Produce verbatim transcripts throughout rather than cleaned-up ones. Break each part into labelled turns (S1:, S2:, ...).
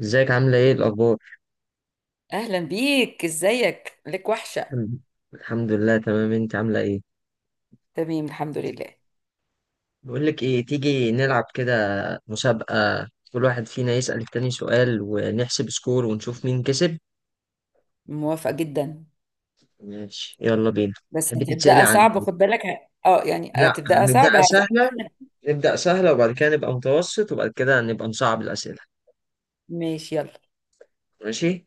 S1: ازيك؟ عاملة ايه؟ الأخبار؟
S2: اهلا بيك، ازيك، لك وحشه.
S1: الحمد الحمد لله، تمام. انت عاملة ايه؟
S2: تمام، الحمد لله.
S1: بقولك ايه، تيجي نلعب كده مسابقة؟ كل واحد فينا يسأل التاني سؤال ونحسب سكور ونشوف مين كسب.
S2: موافقه جدا.
S1: ماشي، يلا بينا.
S2: بس
S1: تحبي تتسألي
S2: هتبداها
S1: عن؟
S2: صعب، خد بالك. ه- اه يعني
S1: لا،
S2: هتبداها صعب،
S1: هنبدأ
S2: هزعل.
S1: سهلة. نبدأ سهلة وبعد كده نبقى متوسط وبعد كده نبقى نصعب الأسئلة.
S2: ماشي، يلا.
S1: ماشي؟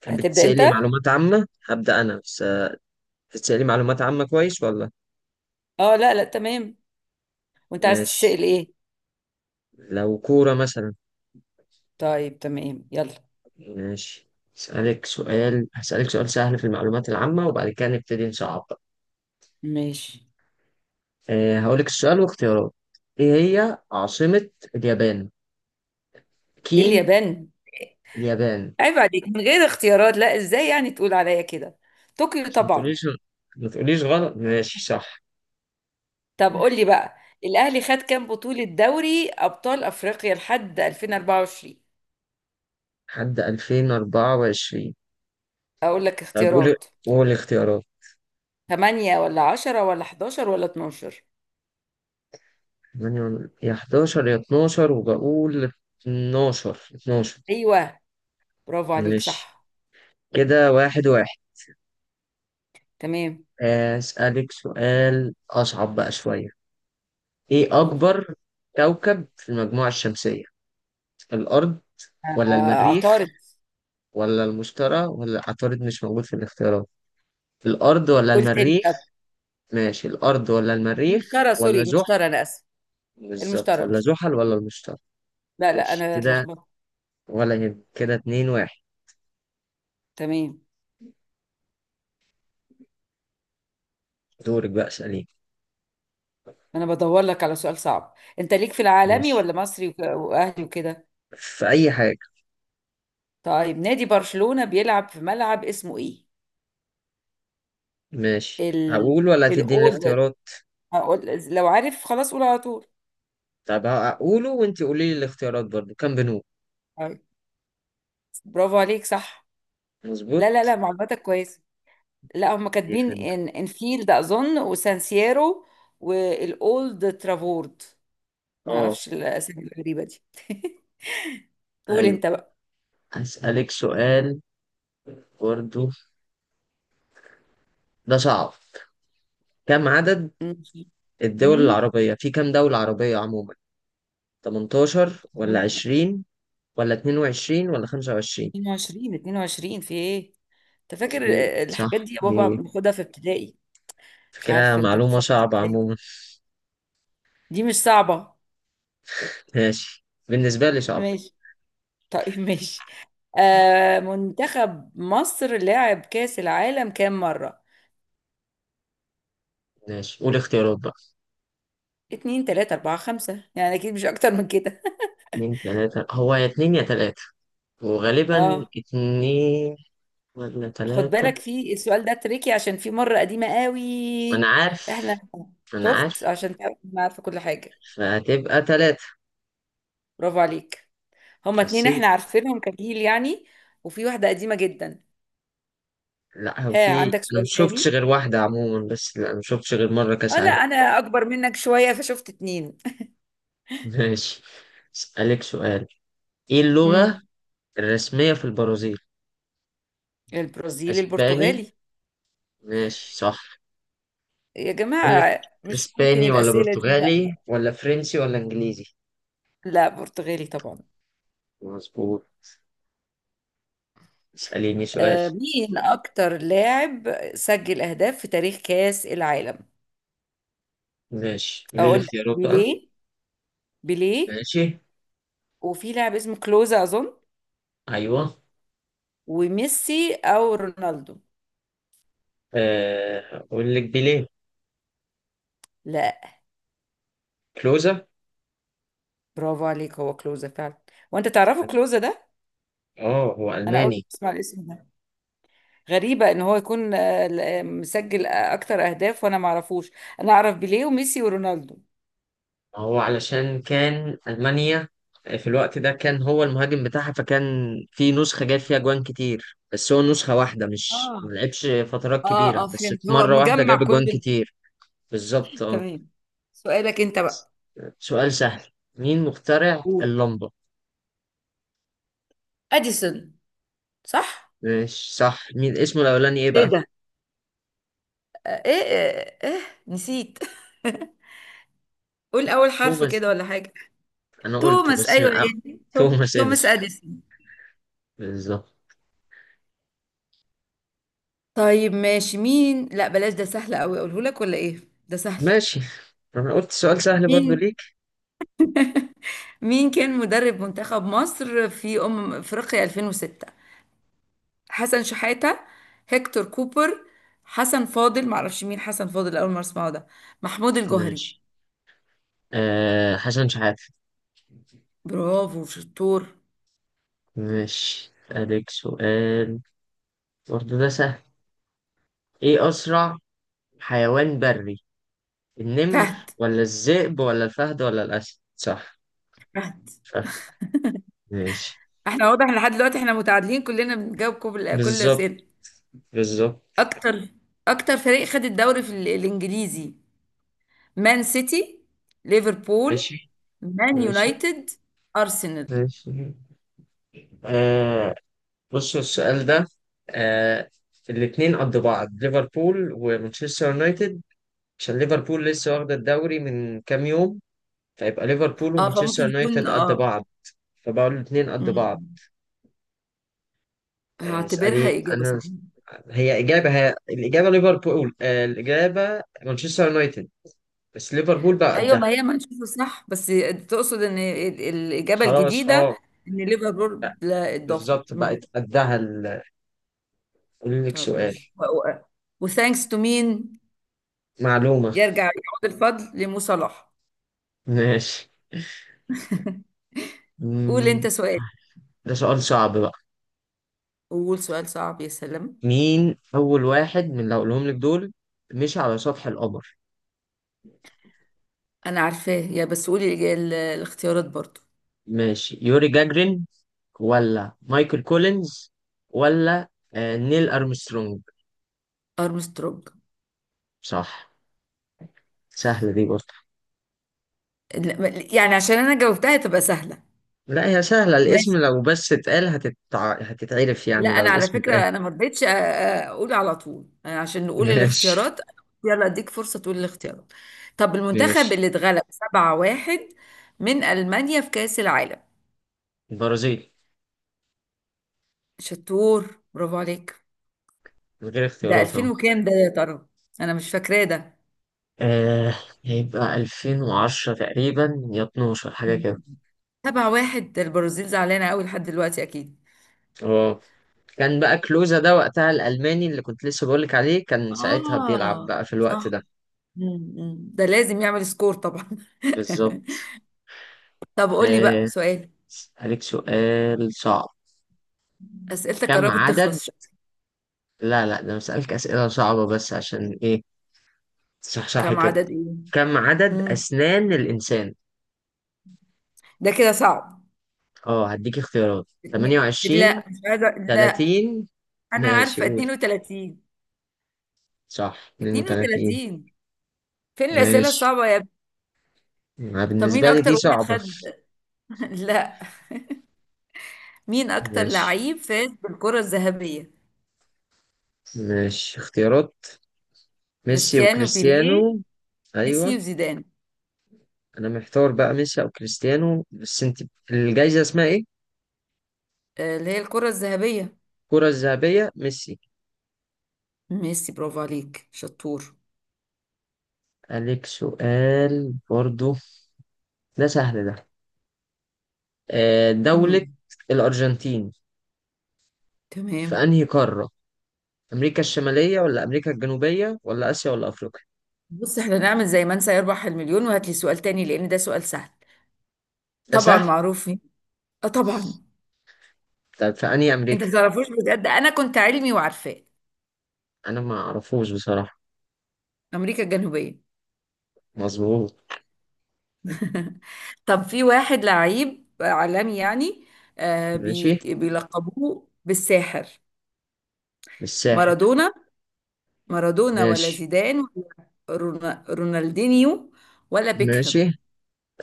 S1: تحبي
S2: هتبدا انت.
S1: تتسألي معلومات عامة؟ هبدأ أنا بس. تتسألي معلومات عامة، كويس ولا؟
S2: اه، لا، لا، تمام. وانت عايز
S1: ماشي.
S2: تسال ايه؟
S1: لو كورة مثلا.
S2: طيب، تمام، يلا.
S1: ماشي، اسألك سؤال، هسألك سؤال سهل في المعلومات العامة وبعد كده نبتدي نصعب بقى.
S2: ماشي.
S1: أه، هقولك السؤال واختيارات. ايه هي عاصمة اليابان؟
S2: إيه
S1: كين
S2: اليابان؟
S1: اليابان.
S2: عيب عليك من غير اختيارات. لا، ازاي يعني تقول عليا كده؟ طوكيو
S1: عشان ما
S2: طبعا.
S1: تقوليش ما تقوليش غلط. ماشي، صح.
S2: طب قول لي بقى، الاهلي خد كام بطوله دوري ابطال افريقيا لحد ألفين وأربعة وعشرين؟
S1: لحد ألفين وأربعة وعشرين.
S2: اقول لك
S1: طيب قولي،
S2: اختيارات.
S1: قولي اختيارات.
S2: تمانية ولا عشرة ولا حداشر ولا اتناشر؟
S1: تمانية- ولا- يا حداشر يا اتناشر، وبقول اتناشر، اتناشر.
S2: أيوة، برافو عليك،
S1: ماشي
S2: صح.
S1: كده، واحد واحد.
S2: تمام.
S1: آه، أسألك سؤال أصعب بقى شوية. ايه
S2: جوجل.
S1: اكبر كوكب في المجموعة الشمسية؟ الارض ولا
S2: آه،
S1: المريخ
S2: عطارد.
S1: ولا المشتري؟ ولا عطارد مش موجود في الاختيارات. الارض ولا
S2: قلت تاني،
S1: المريخ.
S2: طب.
S1: ماشي، الارض ولا المريخ
S2: المشترى، سوري،
S1: ولا زحل.
S2: المشترى، أنا آسف.
S1: بالظبط،
S2: المشترى،
S1: ولا
S2: المشترى.
S1: زحل ولا المشتري.
S2: لا، لا،
S1: ماشي
S2: أنا
S1: كده،
S2: اتلخبطت.
S1: ولا يهم كده، اتنين واحد.
S2: تمام.
S1: دورك بقى، اسأليني.
S2: أنا بدور لك على سؤال صعب. أنت ليك في العالمي
S1: ماشي،
S2: ولا مصري وك- وأهلي وكده؟
S1: في اي حاجة.
S2: طيب، نادي برشلونة بيلعب في ملعب اسمه إيه؟
S1: ماشي،
S2: ال
S1: هقول ولا هتديني
S2: الأولد.
S1: الاختيارات؟
S2: هقول- لو عارف خلاص قول على طول.
S1: طب هقوله وانتي قولي لي الاختيارات برضو، كام بنوك.
S2: طيب. برافو عليك، صح. لا، لا،
S1: مظبوط.
S2: لا، معلوماتك كويسة. لا، هم كاتبين
S1: يخرب.
S2: ان انفيلد اظن، وسانسيرو، والاولد ترافورد. ما
S1: اه،
S2: اعرفش الاسامي الغريبه دي. قول
S1: ايوه.
S2: انت بقى.
S1: هسألك سؤال برضو، ده صعب. كم عدد
S2: ماشي.
S1: الدول
S2: امم
S1: العربية؟ في كم دولة عربية عموما؟ تمنتاشر ولا عشرين ولا اتنين وعشرين ولا خمسة وعشرين؟
S2: اتنين وعشرين، اتنين وعشرين، في ايه، انت فاكر؟
S1: مظبوط، صح
S2: الحاجات دي يا بابا
S1: دي.
S2: بناخدها في ابتدائي. مش
S1: فكرة
S2: عارفه انت
S1: معلومة
S2: بتفكر
S1: صعبة
S2: ازاي.
S1: عموما.
S2: دي مش صعبه.
S1: ماشي بالنسبة لي صعبة.
S2: ماشي. طيب، ماشي. آه منتخب مصر لعب كاس العالم كام مره؟
S1: ماشي، قول اختيارات بقى.
S2: اتنين، تلاتة، أربعة، خمسة، يعني أكيد مش أكتر من كده.
S1: اتنين تلاتة، هو يا اتنين يا تلاتة، وغالبا
S2: اه.
S1: اتنين ولا
S2: خد
S1: تلاتة.
S2: بالك، في السؤال ده تريكي عشان في مرة قديمة قوي
S1: أنا عارف،
S2: احنا.
S1: أنا عارف.
S2: شفت عشان تعرف إن أنا عارفة كل حاجة.
S1: فهتبقى تلاتة.
S2: برافو عليك. هما اتنين
S1: حسيت.
S2: احنا عارفينهم كجيل يعني، وفي واحدة قديمة جدا.
S1: لا، هو
S2: ها،
S1: في
S2: عندك
S1: أنا
S2: سؤال
S1: مشوفتش
S2: تاني؟
S1: غير واحدة عموما، بس لا أنا مشوفتش غير مرة كأس
S2: اه، لا،
S1: عالم.
S2: انا اكبر منك شوية فشفت اتنين.
S1: ماشي، اسألك سؤال. ايه اللغة
S2: امم
S1: الرسمية في البرازيل؟
S2: البرازيل،
S1: اسباني؟
S2: البرتغالي.
S1: ماشي، صح.
S2: يا
S1: اقول لك،
S2: جماعة مش ممكن
S1: اسباني ولا
S2: الأسئلة دي، لا.
S1: برتغالي ولا فرنسي ولا انجليزي؟
S2: لا، برتغالي طبعا.
S1: مظبوط. اسأليني سؤال.
S2: آه مين أكتر لاعب سجل أهداف في تاريخ كأس العالم؟
S1: ماشي، قولي لي
S2: أقول لك،
S1: اختيارات بقى.
S2: بيليه، بيليه،
S1: ماشي،
S2: وفي لاعب اسمه كلوزا اظن،
S1: ايوه.
S2: وميسي او رونالدو.
S1: آه، اقول لك بيليه.
S2: لا.
S1: كلوزا.
S2: برافو عليك، هو كلوزا فعلا. وانت تعرفه
S1: أيوه.
S2: كلوزا ده؟
S1: اه، هو
S2: انا اول مره
S1: الماني.
S2: اسمع الاسم ده. غريبه ان هو يكون آه، ل- آه، مسجل آه، اكتر اهداف وانا ما اعرفوش. انا اعرف بيليه وميسي ورونالدو.
S1: هو علشان كان ألمانيا، آه، في الوقت ده كان هو المهاجم بتاعها فكان في نسخة جايب فيها جوان كتير، بس هو نسخة واحدة، مش ما
S2: اه،
S1: لعبش فترات
S2: اه،
S1: كبيرة،
S2: اه،
S1: بس
S2: فهمت،
S1: في
S2: هو
S1: مرة واحدة جاب
S2: مجمع كل
S1: جوان
S2: ال-
S1: كتير. بالظبط، اه.
S2: تمام. سؤالك انت بقى.
S1: سؤال سهل. مين مخترع
S2: قول.
S1: اللمبة؟
S2: اديسون. صح.
S1: ماشي، صح. مين اسمه الأولاني إيه
S2: ايه
S1: بقى؟
S2: ده؟ آه، ايه ايه, إيه؟ نسيت. قول اول حرف
S1: توماس.
S2: كده ولا حاجه.
S1: أنا قلته
S2: توماس،
S1: بس
S2: ايوه،
S1: أه.
S2: يعني توم-
S1: توماس
S2: توماس
S1: إديسون،
S2: اديسون.
S1: بالظبط.
S2: طيب ماشي. مين؟ لا، بلاش، ده سهل قوي، اقوله لك ولا ايه؟ ده سهل.
S1: ماشي، أنا قلت سؤال سهل برضو
S2: مين
S1: ليك.
S2: مين كان مدرب منتخب مصر في أمم أفريقيا ألفين وستة؟ حسن شحاتة، هيكتور كوبر، حسن فاضل، معرفش مين حسن فاضل، أول مرة أسمعه ده، محمود الجوهري.
S1: ماشي، أه، حسن شحاتة.
S2: برافو شطور.
S1: ماشي، أسألك سؤال برضه، ده سهل. إيه أسرع حيوان بري؟ النمر
S2: فهد.
S1: ولا الذئب ولا الفهد ولا الأسد؟ صح،
S2: فهد.
S1: فهد. ماشي.
S2: احنا واضح إن لحد دلوقتي احنا متعادلين، كلنا بنجاوب كل كل
S1: بالظبط،
S2: سنة.
S1: بالظبط.
S2: أكتر. أكتر فريق خد الدوري في ال- الإنجليزي؟ مان سيتي، ليفربول،
S1: ماشي،
S2: مان
S1: ماشي،
S2: يونايتد، ارسنال.
S1: ماشي. آه، بصوا السؤال ده. آه، الاتنين قد بعض، ليفربول ومانشستر يونايتد. عشان ليفربول لسه واخدة الدوري من كام يوم، فيبقى ليفربول
S2: اه،
S1: ومانشستر
S2: فممكن يكون،
S1: يونايتد قد
S2: اه.
S1: بعض. فبقول الاتنين قد بعض.
S2: مم.
S1: آه،
S2: هعتبرها
S1: اسألي
S2: اجابه
S1: أنا.
S2: صحيحه.
S1: هي إجابة، هي الإجابة ليفربول، آه، الإجابة مانشستر يونايتد، بس ليفربول بقى
S2: ايوه،
S1: قدها.
S2: ما هي ما نشوفه صح بس. تقصد ان ال- الاجابه
S1: خلاص،
S2: الجديده
S1: أه،
S2: ان ليفربول لا اتضافت.
S1: بالظبط،
S2: مم.
S1: بقت قدها ال- قولي لك
S2: طب
S1: سؤال.
S2: ماشي. وثانكس تو مين؟
S1: معلومة.
S2: يرجع يعود الفضل لمو صلاح.
S1: ماشي.
S2: قول
S1: مم.
S2: انت سؤال.
S1: ده سؤال صعب بقى.
S2: قول سؤال صعب، يا سلام.
S1: مين أول واحد من اللي هقولهم لك دول مشي على سطح القمر؟
S2: انا عارفاه، يا بس قولي الإج- ال- الاختيارات برضو.
S1: ماشي، يوري جاجرين ولا مايكل كولينز ولا آه، نيل أرمسترونج.
S2: ارمسترونج.
S1: صح. سهلة دي برضه.
S2: لا، يعني عشان انا جاوبتها تبقى سهله.
S1: لا، هي سهلة، الاسم
S2: ماشي.
S1: لو بس اتقال هتتع... هتتعرف،
S2: لا،
S1: يعني لو
S2: انا على
S1: الاسم اتقال.
S2: فكره، انا ما رضيتش أ- أ- اقول على طول يعني عشان نقول
S1: ماشي.
S2: الاختيارات. يلا اديك فرصه تقول الاختيارات. طب المنتخب
S1: ماشي.
S2: اللي اتغلب سبعة واحد من المانيا في كاس العالم؟
S1: البرازيل،
S2: شطور، برافو عليك.
S1: من غير
S2: ده
S1: اختيارات اهو.
S2: ألفين وكام ده يا ترى، انا مش فاكراه ده.
S1: آه، هيبقى ألفين وعشرة تقريبا، يا اثنا عشر حاجة كده.
S2: سبعة واحد. ده البرازيل زعلانه قوي لحد دلوقتي اكيد.
S1: اه، كان بقى كلوزا ده وقتها الألماني اللي كنت لسه بقولك عليه، كان ساعتها بيلعب
S2: اه.
S1: بقى في
S2: صح.
S1: الوقت ده.
S2: مم، مم. ده لازم يعمل سكور طبعا.
S1: بالظبط.
S2: طب قول لي بقى
S1: آه،
S2: سؤال.
S1: أسألك سؤال صعب.
S2: أسئلتك
S1: كم
S2: قربت
S1: عدد؟
S2: تخلص، شكلك.
S1: لا لا، ده أنا بسألك أسئلة صعبة بس عشان إيه، تصحصحي
S2: كم
S1: كده.
S2: عدد إيه؟
S1: كم عدد
S2: مم.
S1: أسنان الإنسان؟
S2: ده كده صعب.
S1: اه، هديك اختيارات.
S2: اتنين.
S1: ثمانية وعشرين،
S2: لا، مش عايزة. لا،
S1: ثلاثين.
S2: أنا
S1: ماشي،
S2: عارفة
S1: قول.
S2: اتنين وتلاتين،
S1: صح، اتنين وتلاتين.
S2: اتنين وتلاتين. فين الأسئلة
S1: ماشي،
S2: الصعبة يا ابني؟
S1: ما
S2: طب مين
S1: بالنسبة لي
S2: أكتر
S1: دي
S2: واحد
S1: صعبة.
S2: خد. لا، مين أكتر
S1: ماشي،
S2: لعيب فاز بالكرة الذهبية؟
S1: ماشي اختيارات. ميسي
S2: كريستيانو، بيليه،
S1: وكريستيانو،
S2: ميسي
S1: ايوه.
S2: وزيدان.
S1: انا محتار بقى، ميسي او كريستيانو، بس انت الجايزة اسمها ايه؟
S2: آه، اللي هي الكرة الذهبية.
S1: الكرة الذهبية، ميسي.
S2: ميسي. برافو عليك شطور.
S1: عليك سؤال برضو، ده سهل ده. آه، دولة
S2: مم.
S1: الأرجنتين في
S2: تمام.
S1: أنهي قارة؟ أمريكا الشمالية ولا أمريكا الجنوبية ولا آسيا ولا أفريقيا؟
S2: بص، احنا نعمل زي من سيربح المليون وهات لي سؤال تاني لأن ده سؤال سهل.
S1: ده
S2: طبعا
S1: سهل.
S2: معروف مين. اه، طبعا.
S1: طب في أنهي
S2: انت
S1: أمريكا؟
S2: ما تعرفوش بجد؟ انا كنت علمي وعارفاه.
S1: أنا ما أعرفوش بصراحة.
S2: امريكا الجنوبيه.
S1: مظبوط.
S2: طب في واحد لعيب عالمي يعني، آه
S1: ماشي،
S2: بي بيلقبوه بالساحر.
S1: الساحر.
S2: مارادونا. مارادونا ولا
S1: ماشي،
S2: زيدان ولا رونا- رونالدينيو ولا
S1: ماشي،
S2: بيكهام.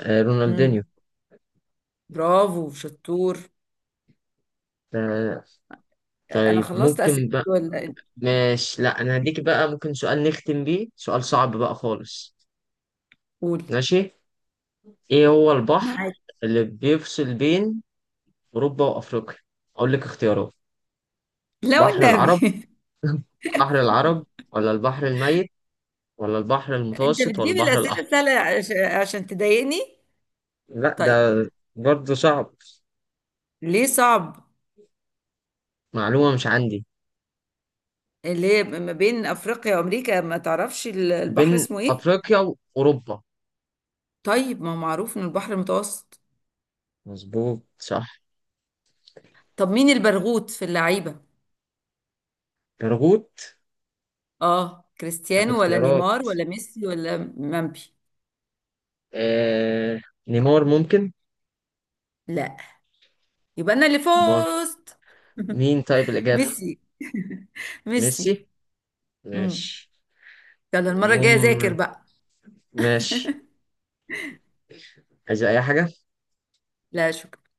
S1: آه، رونالدينيو.
S2: مم. برافو شطور.
S1: آه،
S2: انا
S1: طيب
S2: خلصت
S1: ممكن
S2: اسئله
S1: بقى.
S2: ولا؟
S1: ماشي، لا أنا هديك بقى، ممكن سؤال نختم بيه، سؤال صعب بقى خالص.
S2: قول.
S1: ماشي. إيه هو البحر
S2: معاك.
S1: اللي بيفصل بين أوروبا وأفريقيا؟ أقول لك اختيارات.
S2: لا
S1: بحر العرب.
S2: والنبي.
S1: بحر العرب ولا البحر الميت ولا البحر
S2: انت
S1: المتوسط ولا
S2: بتجيب
S1: البحر
S2: الاسئله
S1: الأحمر؟
S2: السهله عش- عشان تضايقني.
S1: لا، ده
S2: طيب.
S1: برضه صعب.
S2: ليه صعب؟
S1: معلومة مش عندي.
S2: اللي هي ما بين افريقيا وامريكا، ما تعرفش ال- البحر
S1: بين
S2: اسمه ايه.
S1: أفريقيا وأوروبا.
S2: طيب، ما هو معروف ان البحر المتوسط.
S1: مظبوط، صح.
S2: طب مين البرغوث في اللعيبه؟
S1: برغوت؟
S2: اه،
S1: طب
S2: كريستيانو ولا
S1: اختيارات.
S2: نيمار ولا ميسي ولا مامبي.
S1: آه... نيمار ممكن.
S2: لا. يبقى انا اللي
S1: ما.
S2: فزت.
S1: مين طيب الإجابة؟
S2: ميسي. ميسي.
S1: ميسي.
S2: امم
S1: ماشي.
S2: يلا المره الجايه ذاكر
S1: المهم،
S2: بقى.
S1: ماشي، عايز أي حاجة؟
S2: لا شكرا.